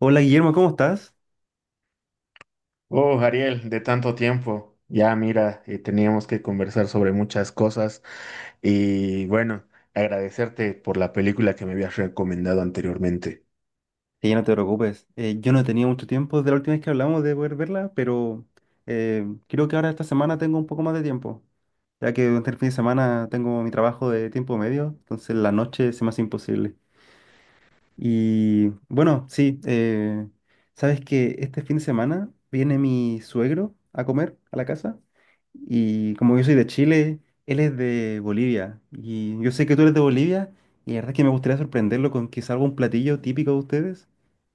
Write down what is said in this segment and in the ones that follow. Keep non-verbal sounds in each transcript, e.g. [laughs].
Hola Guillermo, ¿cómo estás? Oh, Ariel, de tanto tiempo. Ya mira, teníamos que conversar sobre muchas cosas y bueno, agradecerte por la película que me habías recomendado anteriormente. Sí, no te preocupes. Yo no tenía mucho tiempo desde la última vez que hablamos de poder verla, pero creo que ahora esta semana tengo un poco más de tiempo, ya que durante el fin de semana tengo mi trabajo de tiempo medio, entonces la noche se me hace imposible. Y bueno, sí, sabes que este fin de semana viene mi suegro a comer a la casa y como yo soy de Chile, él es de Bolivia y yo sé que tú eres de Bolivia y la verdad es que me gustaría sorprenderlo con quizá algún platillo típico de ustedes,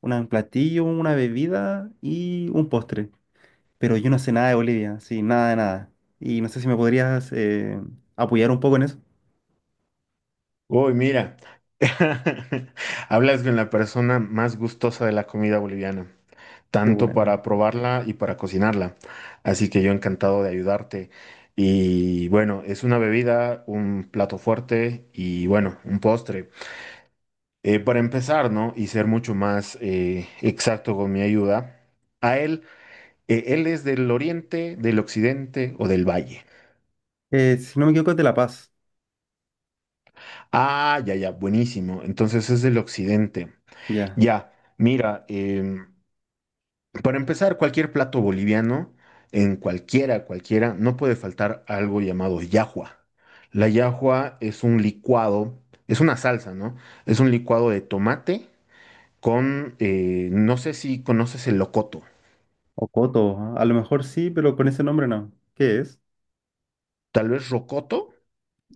un platillo, una bebida y un postre, pero yo no sé nada de Bolivia, sí, nada de nada y no sé si me podrías apoyar un poco en eso. Uy, mira, [laughs] hablas con la persona más gustosa de la comida boliviana, Qué tanto bueno. para probarla y para cocinarla. Así que yo encantado de ayudarte. Y bueno, es una bebida, un plato fuerte y bueno, un postre. Para empezar, ¿no? Y ser mucho más exacto con mi ayuda, a él, él es del oriente, del occidente o del valle. Si no me equivoco es de La Paz, Ah, ya, ya, buenísimo. Entonces es del occidente. ya. Ya, mira, para empezar, cualquier plato boliviano, en cualquiera, cualquiera, no puede faltar algo llamado yahua. La yahua es un licuado, es una salsa, ¿no? Es un licuado de tomate con, no sé si conoces el locoto. Rocoto, ah, a lo mejor sí, pero con ese nombre no. ¿Qué es? Tal vez rocoto.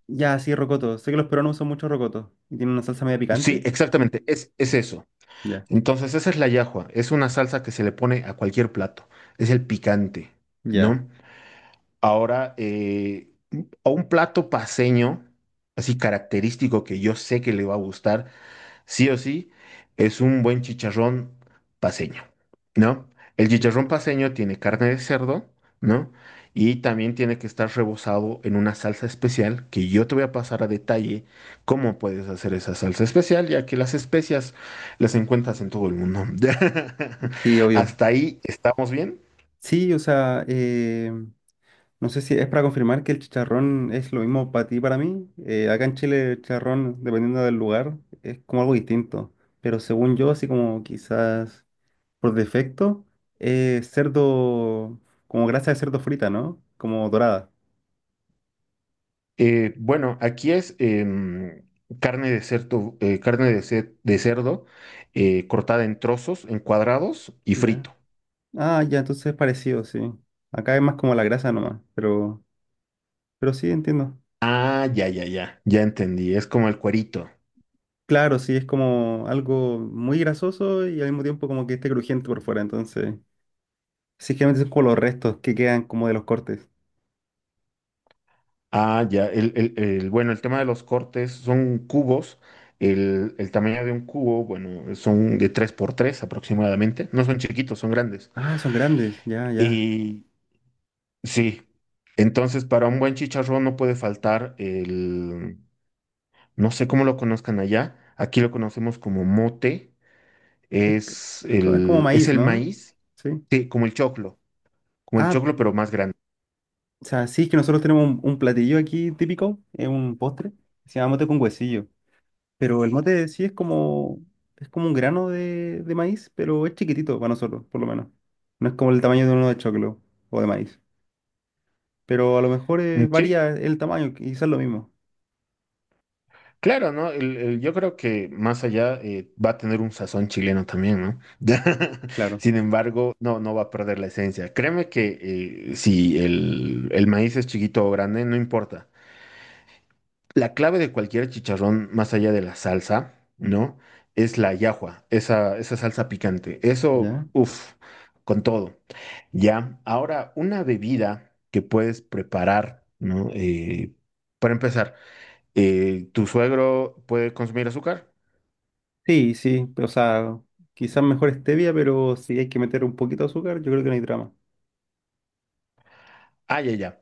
Ya, sí, rocoto. Sé que los peruanos usan mucho rocoto. ¿Y tiene una salsa media Sí, picante? exactamente, es eso. Ya. Entonces, esa es la yahua, es una salsa que se le pone a cualquier plato, es el picante, Ya. ¿no? Ahora, a un plato paseño, así característico que yo sé que le va a gustar, sí o sí, es un buen chicharrón paceño, ¿no? El chicharrón paceño tiene carne de cerdo, ¿no? Y también tiene que estar rebozado en una salsa especial que yo te voy a pasar a detalle cómo puedes hacer esa salsa especial, ya que las especias las encuentras en todo el mundo. [laughs] Sí, obvio. Hasta ahí estamos bien. Sí, o sea, no sé si es para confirmar que el chicharrón es lo mismo para ti y para mí. Acá en Chile el chicharrón, dependiendo del lugar, es como algo distinto. Pero según yo, así como quizás por defecto, es cerdo, como grasa de cerdo frita, ¿no? Como dorada. Bueno, aquí es carne de cerdo, carne de cerdo cortada en trozos, en cuadrados y Ya. frito. Ah, ya, entonces es parecido, sí. Acá es más como la grasa nomás, pero sí entiendo. Ah, ya, ya, ya, ya entendí, es como el cuerito. Claro, sí, es como algo muy grasoso y al mismo tiempo como que esté crujiente por fuera, entonces. Sí, generalmente son como los restos que quedan como de los cortes. Ah, ya, bueno, el tema de los cortes son cubos, el tamaño de un cubo, bueno, son de 3 por 3 aproximadamente, no son chiquitos, son grandes. Ah, son grandes, ya, ya. Y sí, entonces para un buen chicharrón no puede faltar no sé cómo lo conozcan allá, aquí lo conocemos como mote, Es, c- es como es maíz, el ¿no? maíz, Sí. sí, como el Ah, choclo pero más grande. o sea, sí, es que nosotros tenemos un platillo aquí típico, es un postre, se llama mote con huesillo. Pero el mote sí es como un grano de maíz, pero es chiquitito para nosotros, por lo menos. No es como el tamaño de uno de choclo o de maíz. Pero a lo mejor Sí, varía el tamaño, quizás lo mismo. claro, ¿no? Yo creo que más allá va a tener un sazón chileno también, ¿no? [laughs] Claro. Sin embargo, no, no va a perder la esencia. Créeme que si el maíz es chiquito o grande, no importa. La clave de cualquier chicharrón, más allá de la salsa, ¿no? Es la llajua, esa salsa picante. Eso, ¿Ya? uff, con todo. Ya, ahora una bebida que puedes preparar, ¿no? Para empezar ¿tu suegro puede consumir azúcar? Sí, sí, o sea, quizás mejor stevia, pero si hay que meter un poquito de azúcar, yo creo que no hay drama. Ah, ya, ya.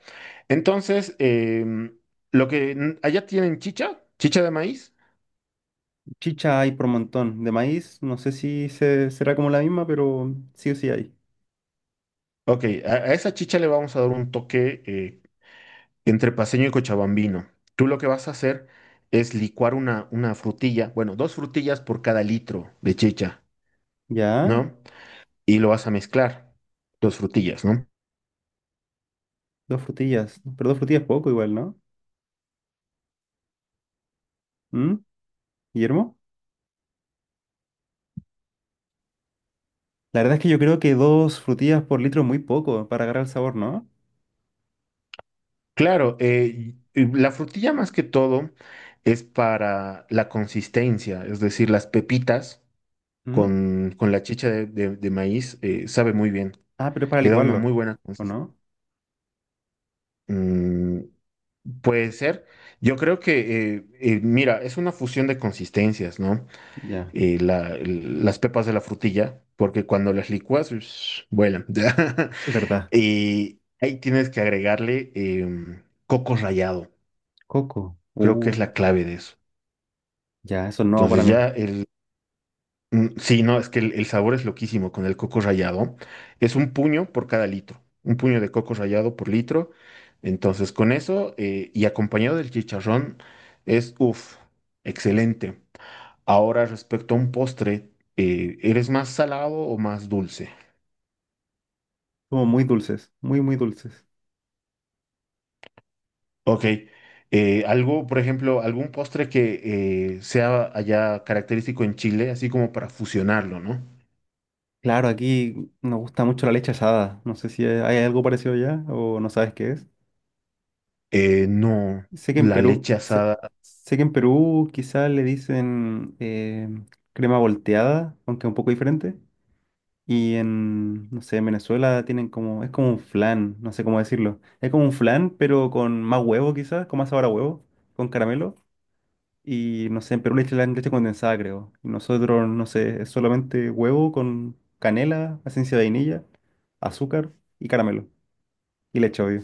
Entonces, lo que allá tienen chicha, chicha de maíz. Chicha hay por montón. De maíz, no sé si será como la misma, pero sí o sí hay. Ok, a esa chicha le vamos a dar un toque entre paceño y cochabambino. Tú lo que vas a hacer es licuar una frutilla, bueno, dos frutillas por cada litro de chicha, ¿Ya? ¿no? Y lo vas a mezclar, dos frutillas, ¿no? Dos frutillas. Pero dos frutillas poco igual, ¿no? ¿Mm? ¿Guillermo? La verdad es que yo creo que dos frutillas por litro es muy poco para agarrar el sabor, ¿no? Claro, y la frutilla más que todo es para la consistencia, es decir, las pepitas. ¿Mm? Con la chicha de maíz, sabe muy bien, Ah, pero es para le da una muy licuarlo, buena ¿o consistencia. no? Puede ser. Yo creo que, mira, es una fusión de consistencias, ¿no? Ya, Las pepas de la frutilla, porque cuando las licuas, ush, vuelan. [laughs] es verdad. Y ahí tienes que agregarle coco rallado. Coco. Creo que es la clave de eso. Ya, eso no para Entonces mí. ya. Mm, sí, no, es que el sabor es loquísimo con el coco rallado. Es un puño por cada litro, un puño de coco rallado por litro. Entonces, con eso y acompañado del chicharrón, es uff, excelente. Ahora, respecto a un postre, ¿eres más salado o más dulce? Somos muy dulces, muy, muy dulces. Ok, algo, por ejemplo, algún postre que sea allá característico en Chile, así como para fusionarlo, ¿no? Claro, aquí nos gusta mucho la leche asada. No sé si hay algo parecido allá o no sabes qué es. No, Sé que en la Perú, leche sé, asada. sé que en Perú quizás le dicen crema volteada, aunque es un poco diferente. Y en, no sé, en Venezuela tienen como, es como un flan, no sé cómo decirlo. Es como un flan, pero con más huevo quizás, con más sabor a huevo, con caramelo. Y no sé, en Perú le echan leche condensada, creo. Y nosotros, no sé, es solamente huevo con canela, esencia de vainilla, azúcar y caramelo. Y leche, obvio.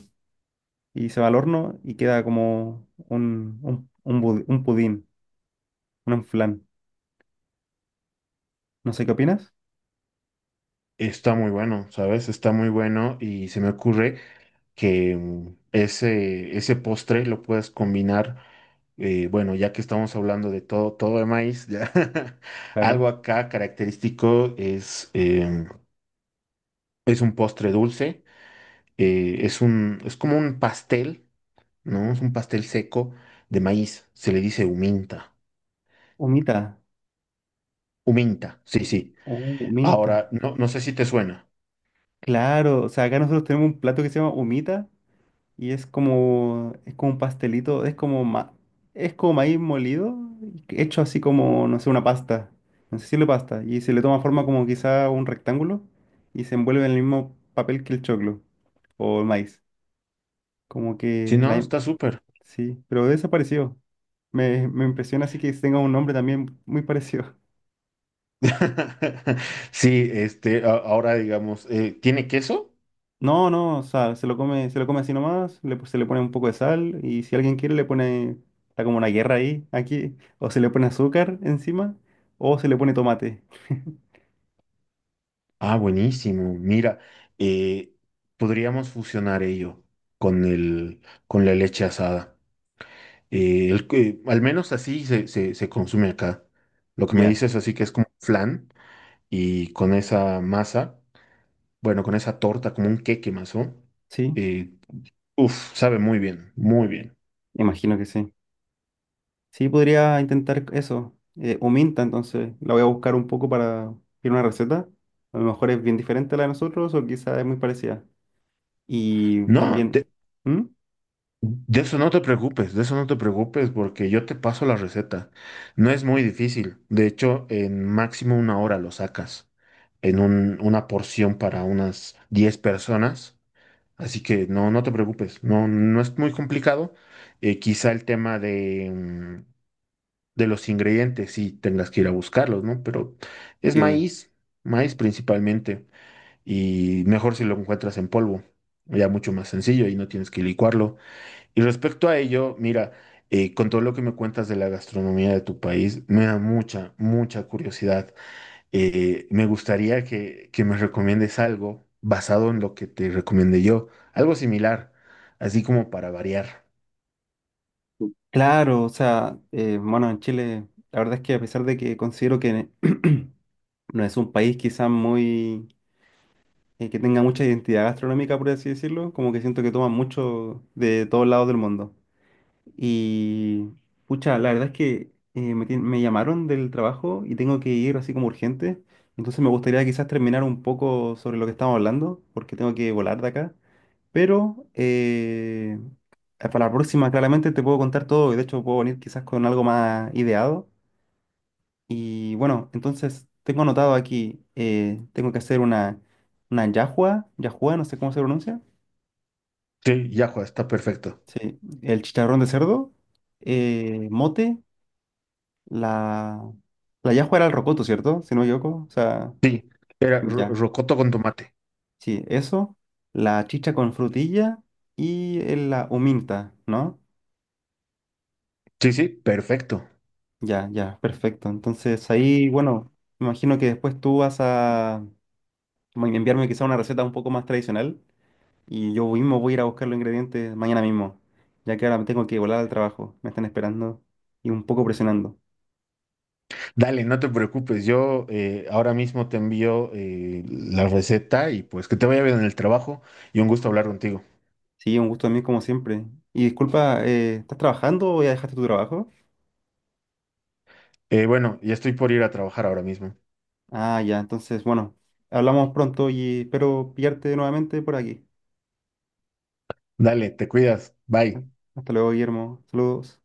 Y se va al horno y queda como un pudín, un flan. No sé qué opinas. Está muy bueno, ¿sabes? Está muy bueno y se me ocurre que mm, ese postre lo puedes combinar, bueno, ya que estamos hablando de todo, todo de maíz, ya, [laughs] algo Claro. acá característico es, es un postre dulce, es un, es como un pastel, ¿no? Es un pastel seco de maíz, se le dice huminta, Humita. huminta, sí, sí. Oh, Ahora, minta. no, no sé si te suena. Claro, o sea, acá nosotros tenemos un plato que se llama humita y es como un pastelito, es como, es como maíz molido, hecho así como, no sé, una pasta, no sé si le pasta, y se le toma forma como quizá un rectángulo y se envuelve en el mismo papel que el choclo o el maíz, como Si que, no, la, está súper. sí, pero desapareció. Me impresiona así que tenga un nombre también muy parecido. [laughs] Sí, este, ahora digamos, ¿tiene queso? No, no, o sea, se lo come así nomás, le, se le pone un poco de sal y si alguien quiere le pone, está como una guerra ahí, aquí, o se le pone azúcar encima o se le pone tomate. [laughs] Ah, buenísimo. Mira, eh, podríamos fusionar ello con el, con la leche asada. Al menos así se consume acá. Lo que me Ya, dices así que es como flan y con esa masa, bueno, con esa torta, como un queque más, ¿no? sí, Eh, uf, sabe muy bien, muy bien. imagino que sí. Sí, podría intentar eso, o minta, entonces la voy a buscar un poco para ir una receta. A lo mejor es bien diferente a la de nosotros o quizá es muy parecida. Y No, también, ¿mm? de eso no te preocupes, de eso no te preocupes, porque yo te paso la receta. No es muy difícil. De hecho, en máximo una hora lo sacas en una porción para unas 10 personas. Así que no, no te preocupes, no, no es muy complicado. Quizá el tema de los ingredientes, sí tengas que ir a buscarlos, ¿no? Pero es Sí, obvio. maíz, maíz principalmente, y mejor si lo encuentras en polvo. Ya mucho más sencillo y no tienes que licuarlo. Y respecto a ello, mira, con todo lo que me cuentas de la gastronomía de tu país, me da mucha, mucha curiosidad. Me gustaría que me recomiendes algo basado en lo que te recomendé yo, algo similar, así como para variar. Claro, o sea, bueno, en Chile, la verdad es que a pesar de que considero que no es un país quizás muy... que tenga mucha identidad gastronómica, por así decirlo, como que siento que toman mucho de todos lados del mundo. Y, pucha, la verdad es que me llamaron del trabajo y tengo que ir así como urgente, entonces me gustaría quizás terminar un poco sobre lo que estamos hablando, porque tengo que volar de acá. Pero para la próxima claramente te puedo contar todo y de hecho puedo venir quizás con algo más ideado y bueno, entonces tengo anotado aquí, tengo que hacer una yahua, yahua, no sé cómo se pronuncia. Sí, ya, Juan, está perfecto. Sí, el chicharrón de cerdo, mote, la... La yahua era el rocoto, ¿cierto? Si no me equivoco. O sea, Sí, era ya. rocoto con tomate. Sí, eso, la chicha con frutilla y la huminta, ¿no? Sí, sí, perfecto. Ya, ya, perfecto. Entonces ahí, bueno, me imagino que después tú vas a bueno, enviarme quizá una receta un poco más tradicional. Y yo mismo voy a ir a buscar los ingredientes mañana mismo, ya que ahora me tengo que volar al trabajo. Me están esperando y un poco presionando. Dale, no te preocupes, yo ahora mismo te envío la receta y pues que te vaya bien en el trabajo y un gusto hablar contigo. Sí, un gusto a mí como siempre. Y disculpa, ¿estás trabajando o ya dejaste tu trabajo? Bueno, ya estoy por ir a trabajar ahora mismo. Ah, ya, entonces, bueno, hablamos pronto y espero pillarte nuevamente por aquí. Dale, te cuidas. Bye. Hasta luego, Guillermo. Saludos.